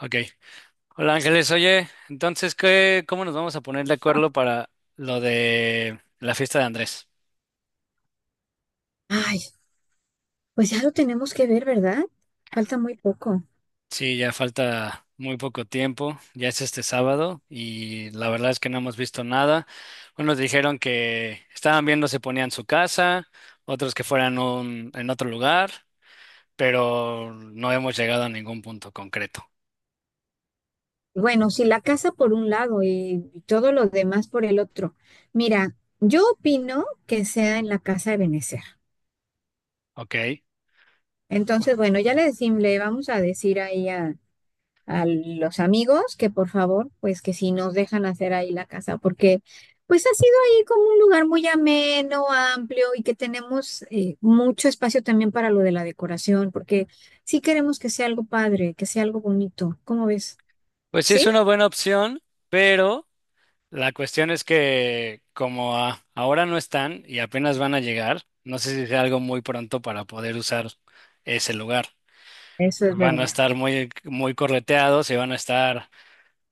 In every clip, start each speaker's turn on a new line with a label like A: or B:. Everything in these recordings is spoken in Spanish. A: Ok. Hola Ángeles, oye, entonces, ¿qué, cómo nos vamos a poner de acuerdo para lo de la fiesta de Andrés?
B: Ay, pues ya lo tenemos que ver, ¿verdad? Falta muy poco.
A: Sí, ya falta muy poco tiempo, ya es este sábado y la verdad es que no hemos visto nada. Unos dijeron que estaban viendo si ponían su casa, otros que fueran en otro lugar, pero no hemos llegado a ningún punto concreto.
B: Bueno, si la casa por un lado y todo lo demás por el otro. Mira, yo opino que sea en la casa de Benecer.
A: Ok. Bueno,
B: Entonces, bueno, ya le decimos, le vamos a decir ahí a los amigos que por favor, pues que si nos dejan hacer ahí la casa, porque pues ha sido ahí como un lugar muy ameno, amplio y que tenemos mucho espacio también para lo de la decoración, porque sí queremos que sea algo padre, que sea algo bonito. ¿Cómo ves?
A: pues sí es
B: ¿Sí?
A: una buena opción, pero. La cuestión es que como ahora no están y apenas van a llegar, no sé si sea algo muy pronto para poder usar ese lugar.
B: Eso es
A: Van a
B: verdad.
A: estar muy, muy correteados y van a estar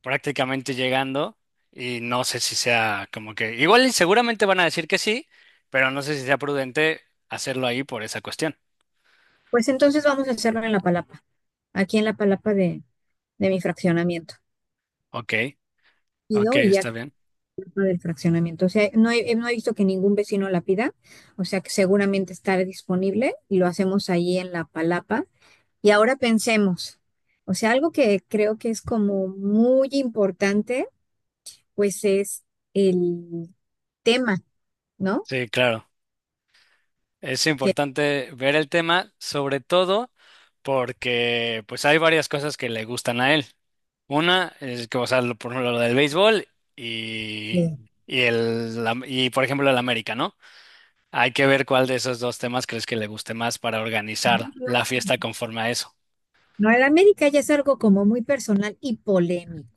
A: prácticamente llegando y no sé si sea como que igual y seguramente van a decir que sí, pero no sé si sea prudente hacerlo ahí por esa cuestión.
B: Pues entonces vamos a hacerlo en La Palapa, aquí en La Palapa de mi fraccionamiento.
A: Ok, ok,
B: Ido, y ya
A: está bien.
B: tema del fraccionamiento. O sea, no he visto que ningún vecino la pida, o sea que seguramente estará disponible y lo hacemos ahí en la palapa. Y ahora pensemos, o sea, algo que creo que es como muy importante, pues es el tema, ¿no?
A: Sí, claro. Es
B: Que
A: importante ver el tema, sobre todo porque pues hay varias cosas que le gustan a él. Una es que, o sea, por ejemplo, lo del béisbol y,
B: eh,
A: y, por ejemplo, el América, ¿no? Hay que ver cuál de esos dos temas crees que le guste más para organizar la fiesta conforme a eso.
B: no, el América ya es algo como muy personal y polémico.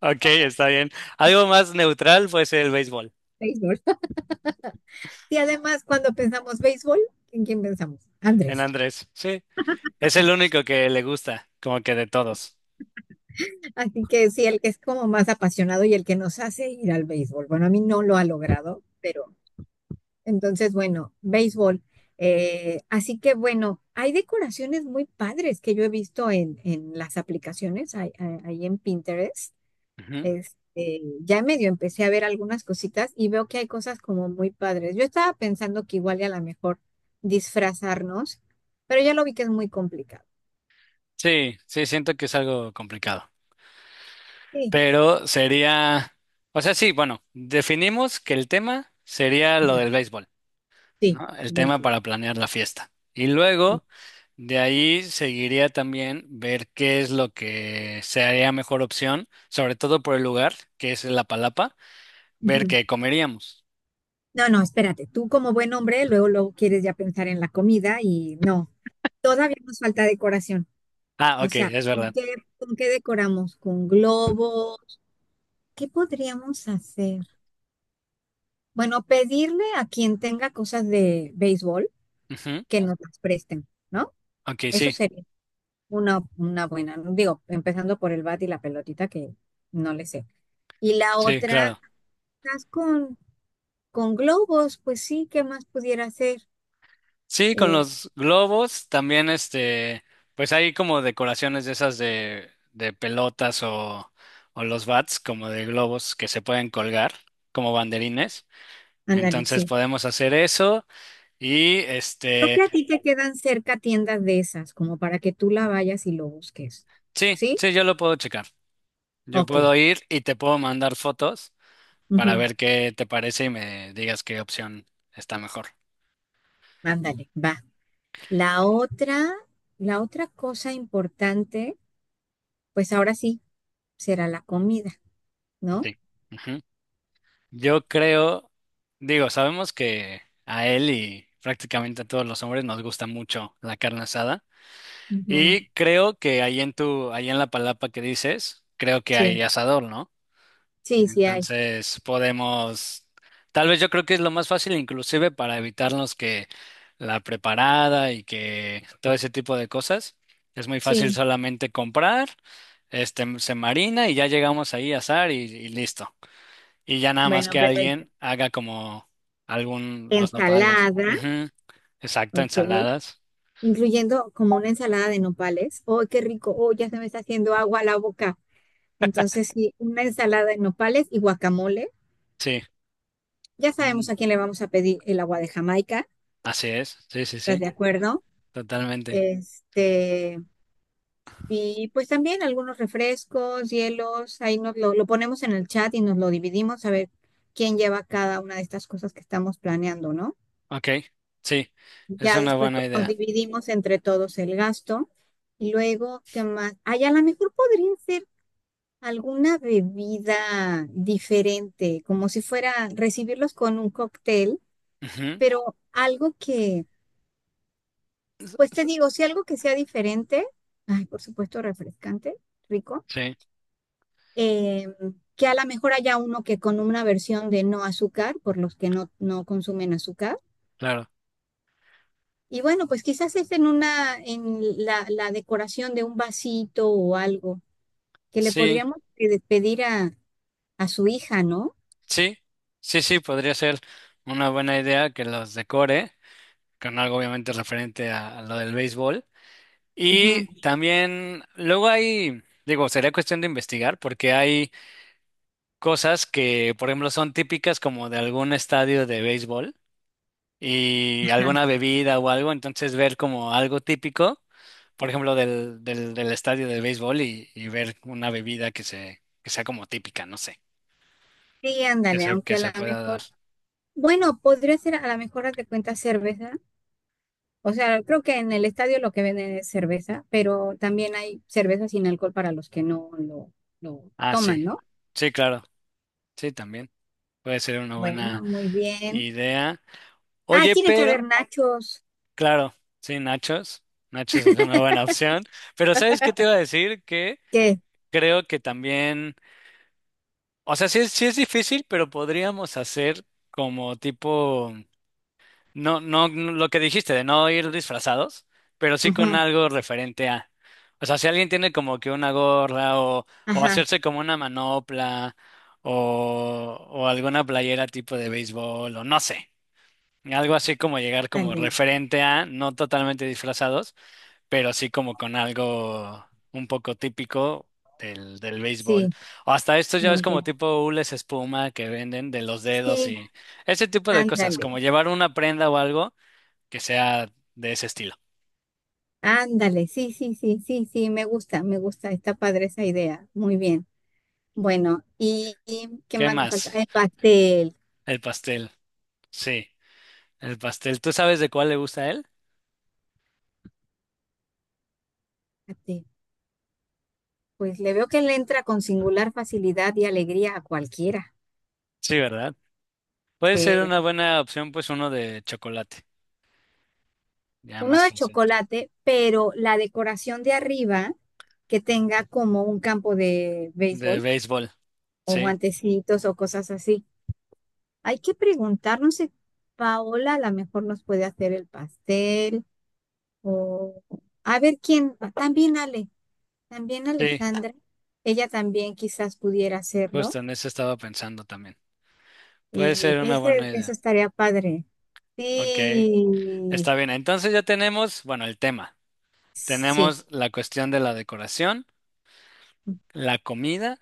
A: Ok, está bien. Algo más neutral puede ser el béisbol,
B: Béisbol. Y además, cuando pensamos béisbol, ¿en quién pensamos?
A: en
B: Andrés.
A: Andrés. Sí, es el único que le gusta, como que de todos.
B: Así que sí, el que es como más apasionado y el que nos hace ir al béisbol. Bueno, a mí no lo ha logrado, pero entonces, bueno, béisbol. Así que bueno, hay decoraciones muy padres que yo he visto en las aplicaciones, ahí en Pinterest.
A: Ujú.
B: Este, ya medio empecé a ver algunas cositas y veo que hay cosas como muy padres. Yo estaba pensando que igual y a lo mejor disfrazarnos, pero ya lo vi que es muy complicado.
A: Sí, sí, siento que es algo complicado.
B: Sí,
A: Pero sería, o sea, sí, bueno, definimos que el tema sería lo
B: ujú,
A: del béisbol,
B: sí,
A: ¿no? El tema
B: béisbol,
A: para planear la fiesta. Y
B: sí.
A: luego, de ahí seguiría también ver qué es lo que sería mejor opción, sobre todo por el lugar, que es la Palapa, ver qué comeríamos.
B: No, no, espérate, tú como buen hombre, luego, luego quieres ya pensar en la comida y no, todavía nos falta decoración.
A: Ah,
B: O
A: ok,
B: sea,
A: es verdad.
B: ¿con qué decoramos? ¿Con globos? ¿Qué podríamos hacer? Bueno, pedirle a quien tenga cosas de béisbol
A: Ujú.
B: que nos las presten, ¿no?
A: Ok,
B: Eso
A: sí,
B: sería una buena, ¿no? Digo, empezando por el bat y la pelotita que no le sé. Y la
A: sí,
B: otra,
A: claro.
B: estás con, con globos, pues sí, ¿qué más pudiera hacer?
A: Sí, con
B: Eh,
A: los globos también, este, pues hay como decoraciones de esas de pelotas o los bats como de globos que se pueden colgar como banderines.
B: Ándale,
A: Entonces
B: sí.
A: podemos hacer eso y
B: Creo
A: este,
B: que a ti te quedan cerca tiendas de esas, como para que tú la vayas y lo busques.
A: sí,
B: ¿Sí?
A: sí, yo lo puedo checar. Yo
B: Ok,
A: puedo ir y te puedo mandar fotos para
B: ujú,
A: ver qué te parece y me digas qué opción está mejor.
B: ándale, va. La otra, la otra cosa importante, pues ahora sí, será la comida, ¿no?
A: Sí. Ujú. Yo creo, digo, sabemos que a él y prácticamente a todos los hombres nos gusta mucho la carne asada.
B: Ujú,
A: Y creo que ahí en la palapa que dices, creo que hay
B: sí,
A: asador, ¿no?
B: sí, sí hay.
A: Entonces podemos, tal vez yo creo que es lo más fácil, inclusive para evitarnos que la preparada y que todo ese tipo de cosas. Es muy fácil
B: Sí.
A: solamente comprar, este, se marina y ya llegamos ahí a asar y listo. Y ya nada más
B: Bueno,
A: que
B: pero
A: alguien haga como los nopales.
B: ensalada,
A: Ujú, exacto,
B: ok.
A: ensaladas.
B: Incluyendo como una ensalada de nopales. ¡Oh, qué rico! ¡Oh, ya se me está haciendo agua a la boca! Entonces, sí, una ensalada de nopales y guacamole.
A: Sí,
B: Ya sabemos
A: mm,
B: a quién le vamos a pedir el agua de Jamaica,
A: así es. Sí, sí,
B: ¿estás
A: sí,
B: de acuerdo?
A: totalmente.
B: Este, y pues también algunos refrescos, hielos, ahí lo ponemos en el chat y nos lo dividimos a ver quién lleva cada una de estas cosas que estamos planeando, ¿no?
A: Ok, sí, es
B: Ya
A: una
B: después
A: buena
B: pues, nos
A: idea.
B: dividimos entre todos el gasto. Y luego, ¿qué más? Ah, y a lo mejor podría ser alguna bebida diferente, como si fuera recibirlos con un cóctel,
A: Ujú,
B: pero algo que,
A: s-
B: pues te
A: s-
B: digo, si algo que sea diferente, ay, por supuesto, refrescante, rico,
A: sí,
B: eh, que a lo mejor haya uno que con una versión de no azúcar, por los que no consumen azúcar.
A: claro.
B: Y bueno, pues quizás es en la decoración de un vasito o algo, que le
A: Sí,
B: podríamos pedir a su hija, ¿no?
A: sí, sí, sí, podría ser una buena idea que los decore con algo obviamente referente a, lo del béisbol. Y
B: Ujú,
A: también, luego hay, digo, sería cuestión de investigar porque hay cosas que, por ejemplo, son típicas como de algún estadio de béisbol y
B: ajá.
A: alguna bebida o algo, entonces ver como algo típico, por ejemplo, del estadio de béisbol y ver una bebida que sea como típica, no sé,
B: Sí,
A: que
B: ándale,
A: se, que
B: aunque a
A: se
B: lo
A: pueda dar.
B: mejor, bueno, podría ser a lo mejor, haz de cuenta, cerveza. O sea, creo que en el estadio lo que venden es cerveza, pero también hay cerveza sin alcohol para los que lo
A: Ah, sí.
B: toman, ¿no?
A: Sí, claro. Sí, también. Puede ser una
B: Bueno,
A: buena
B: muy bien.
A: idea.
B: Ah,
A: Oye,
B: tiene que haber
A: pero,
B: nachos.
A: claro, sí, nachos. Nachos es una buena opción. Pero ¿sabes qué te iba a decir? Que
B: ¿Qué?
A: creo que también, o sea, sí es difícil, pero podríamos hacer como tipo, no, no, no, lo que dijiste de no ir disfrazados, pero sí con
B: Ujú,
A: algo referente a. O sea, si alguien tiene como que una gorra o,
B: ajá,
A: hacerse como una manopla o, alguna playera tipo de béisbol o no sé, algo así como llegar como
B: ándale.
A: referente a, no totalmente disfrazados pero sí como con algo un poco típico del béisbol.
B: Sí,
A: O hasta estos ya ves
B: muy
A: como
B: bien.
A: tipo hules espuma que venden de los dedos
B: Sí,
A: y ese tipo de cosas,
B: ándale.
A: como llevar una prenda o algo que sea de ese estilo.
B: Ándale. Sí, sí, sí, sí, sí, me gusta, me gusta. Está padre esa idea. Muy bien. Bueno, ¿y qué
A: ¿Qué
B: más nos falta?
A: más?
B: El pastel.
A: El pastel. Sí, el pastel. ¿Tú sabes de cuál le gusta a él?
B: Pastel. Pues le veo que le entra con singular facilidad y alegría a cualquiera.
A: Sí, ¿verdad? Puede ser
B: Sí.
A: una buena opción, pues uno de chocolate, ya
B: Uno
A: más
B: de
A: fácil.
B: chocolate, pero la decoración de arriba que tenga como un campo de
A: De
B: béisbol
A: béisbol,
B: o
A: sí,
B: guantecitos o cosas así. Hay que preguntar, no sé, Paola a lo mejor nos puede hacer el pastel o a ver quién, también Ale, también
A: sí,
B: Alejandra, ella también quizás pudiera hacerlo
A: justo en eso estaba pensando también. Puede
B: y
A: ser una buena
B: eso
A: idea.
B: estaría padre.
A: Ok.
B: Sí,
A: Está bien, entonces ya tenemos, bueno, el tema.
B: sí.
A: Tenemos la cuestión de la decoración, la comida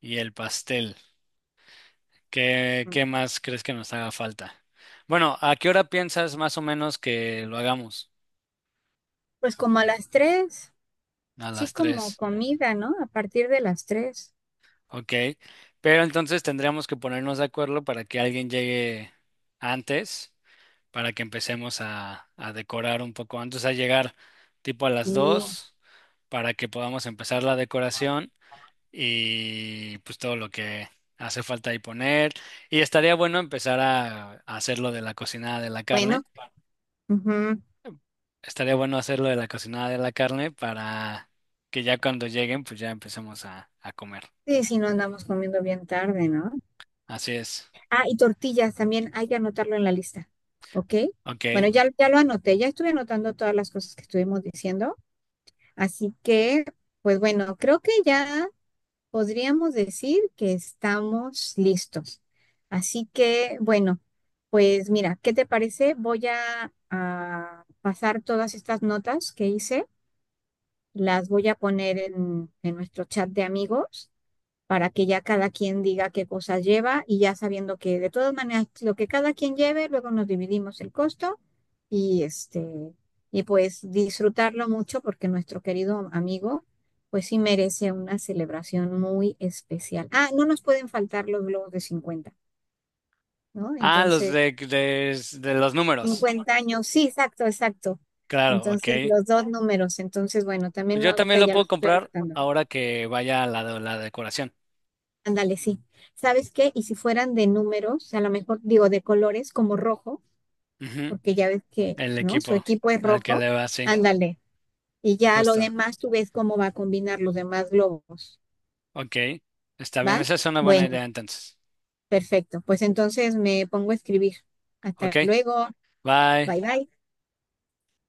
A: y el pastel. ¿Qué,
B: Ujú.
A: qué más crees que nos haga falta? Bueno, ¿a qué hora piensas más o menos que lo hagamos?
B: Pues como a las 3.
A: A
B: Sí,
A: las
B: como
A: 3,
B: comida, ¿no? A partir de las tres.
A: ok. Pero entonces tendríamos que ponernos de acuerdo para que alguien llegue antes, para que empecemos a decorar un poco antes, a llegar tipo a las
B: Y
A: 2, para que podamos empezar la decoración. Y pues todo lo que hace falta ahí poner. Y estaría bueno empezar a hacer lo de la cocinada de la
B: bueno,
A: carne.
B: ujú.
A: Estaría bueno hacer lo de la cocinada de la carne para que ya cuando lleguen, pues ya empecemos a comer.
B: Sí, si no andamos comiendo bien tarde, ¿no?
A: Así es.
B: Ah, y tortillas también hay que anotarlo en la lista, ¿ok? Bueno,
A: Ok.
B: ya, ya lo anoté, ya estuve anotando todas las cosas que estuvimos diciendo, así que, pues bueno, creo que ya podríamos decir que estamos listos. Así que, bueno, pues mira, ¿qué te parece? Voy a pasar todas estas notas que hice. Las voy a poner en nuestro chat de amigos para que ya cada quien diga qué cosas lleva y ya sabiendo que de todas maneras lo que cada quien lleve, luego nos dividimos el costo y este y pues disfrutarlo mucho porque nuestro querido amigo pues sí merece una celebración muy especial. Ah, no nos pueden faltar los globos de 50, ¿no?
A: Ah, los
B: Entonces,
A: de los números.
B: 50 años, sí, exacto, exacto.
A: Claro, ok.
B: Entonces, los dos números. Entonces, bueno,
A: Pues
B: también lo-
A: yo también
B: ahorita
A: lo
B: ya
A: puedo
B: los estoy
A: comprar
B: anotando.
A: ahora que vaya la decoración.
B: Ándale, sí. ¿Sabes qué? Y si fueran de números, a lo mejor digo de colores como rojo,
A: Ujú.
B: porque ya ves que,
A: El
B: ¿no? Su
A: equipo
B: equipo es
A: al que
B: rojo.
A: le va, sí.
B: Ándale. Y ya lo
A: Justo.
B: demás tú ves cómo va a combinar los demás globos.
A: Ok. Está bien,
B: ¿Va?
A: esa es una buena idea
B: Bueno,
A: entonces.
B: perfecto. Pues entonces me pongo a escribir.
A: Ok,
B: Hasta luego.
A: bye.
B: Bye bye.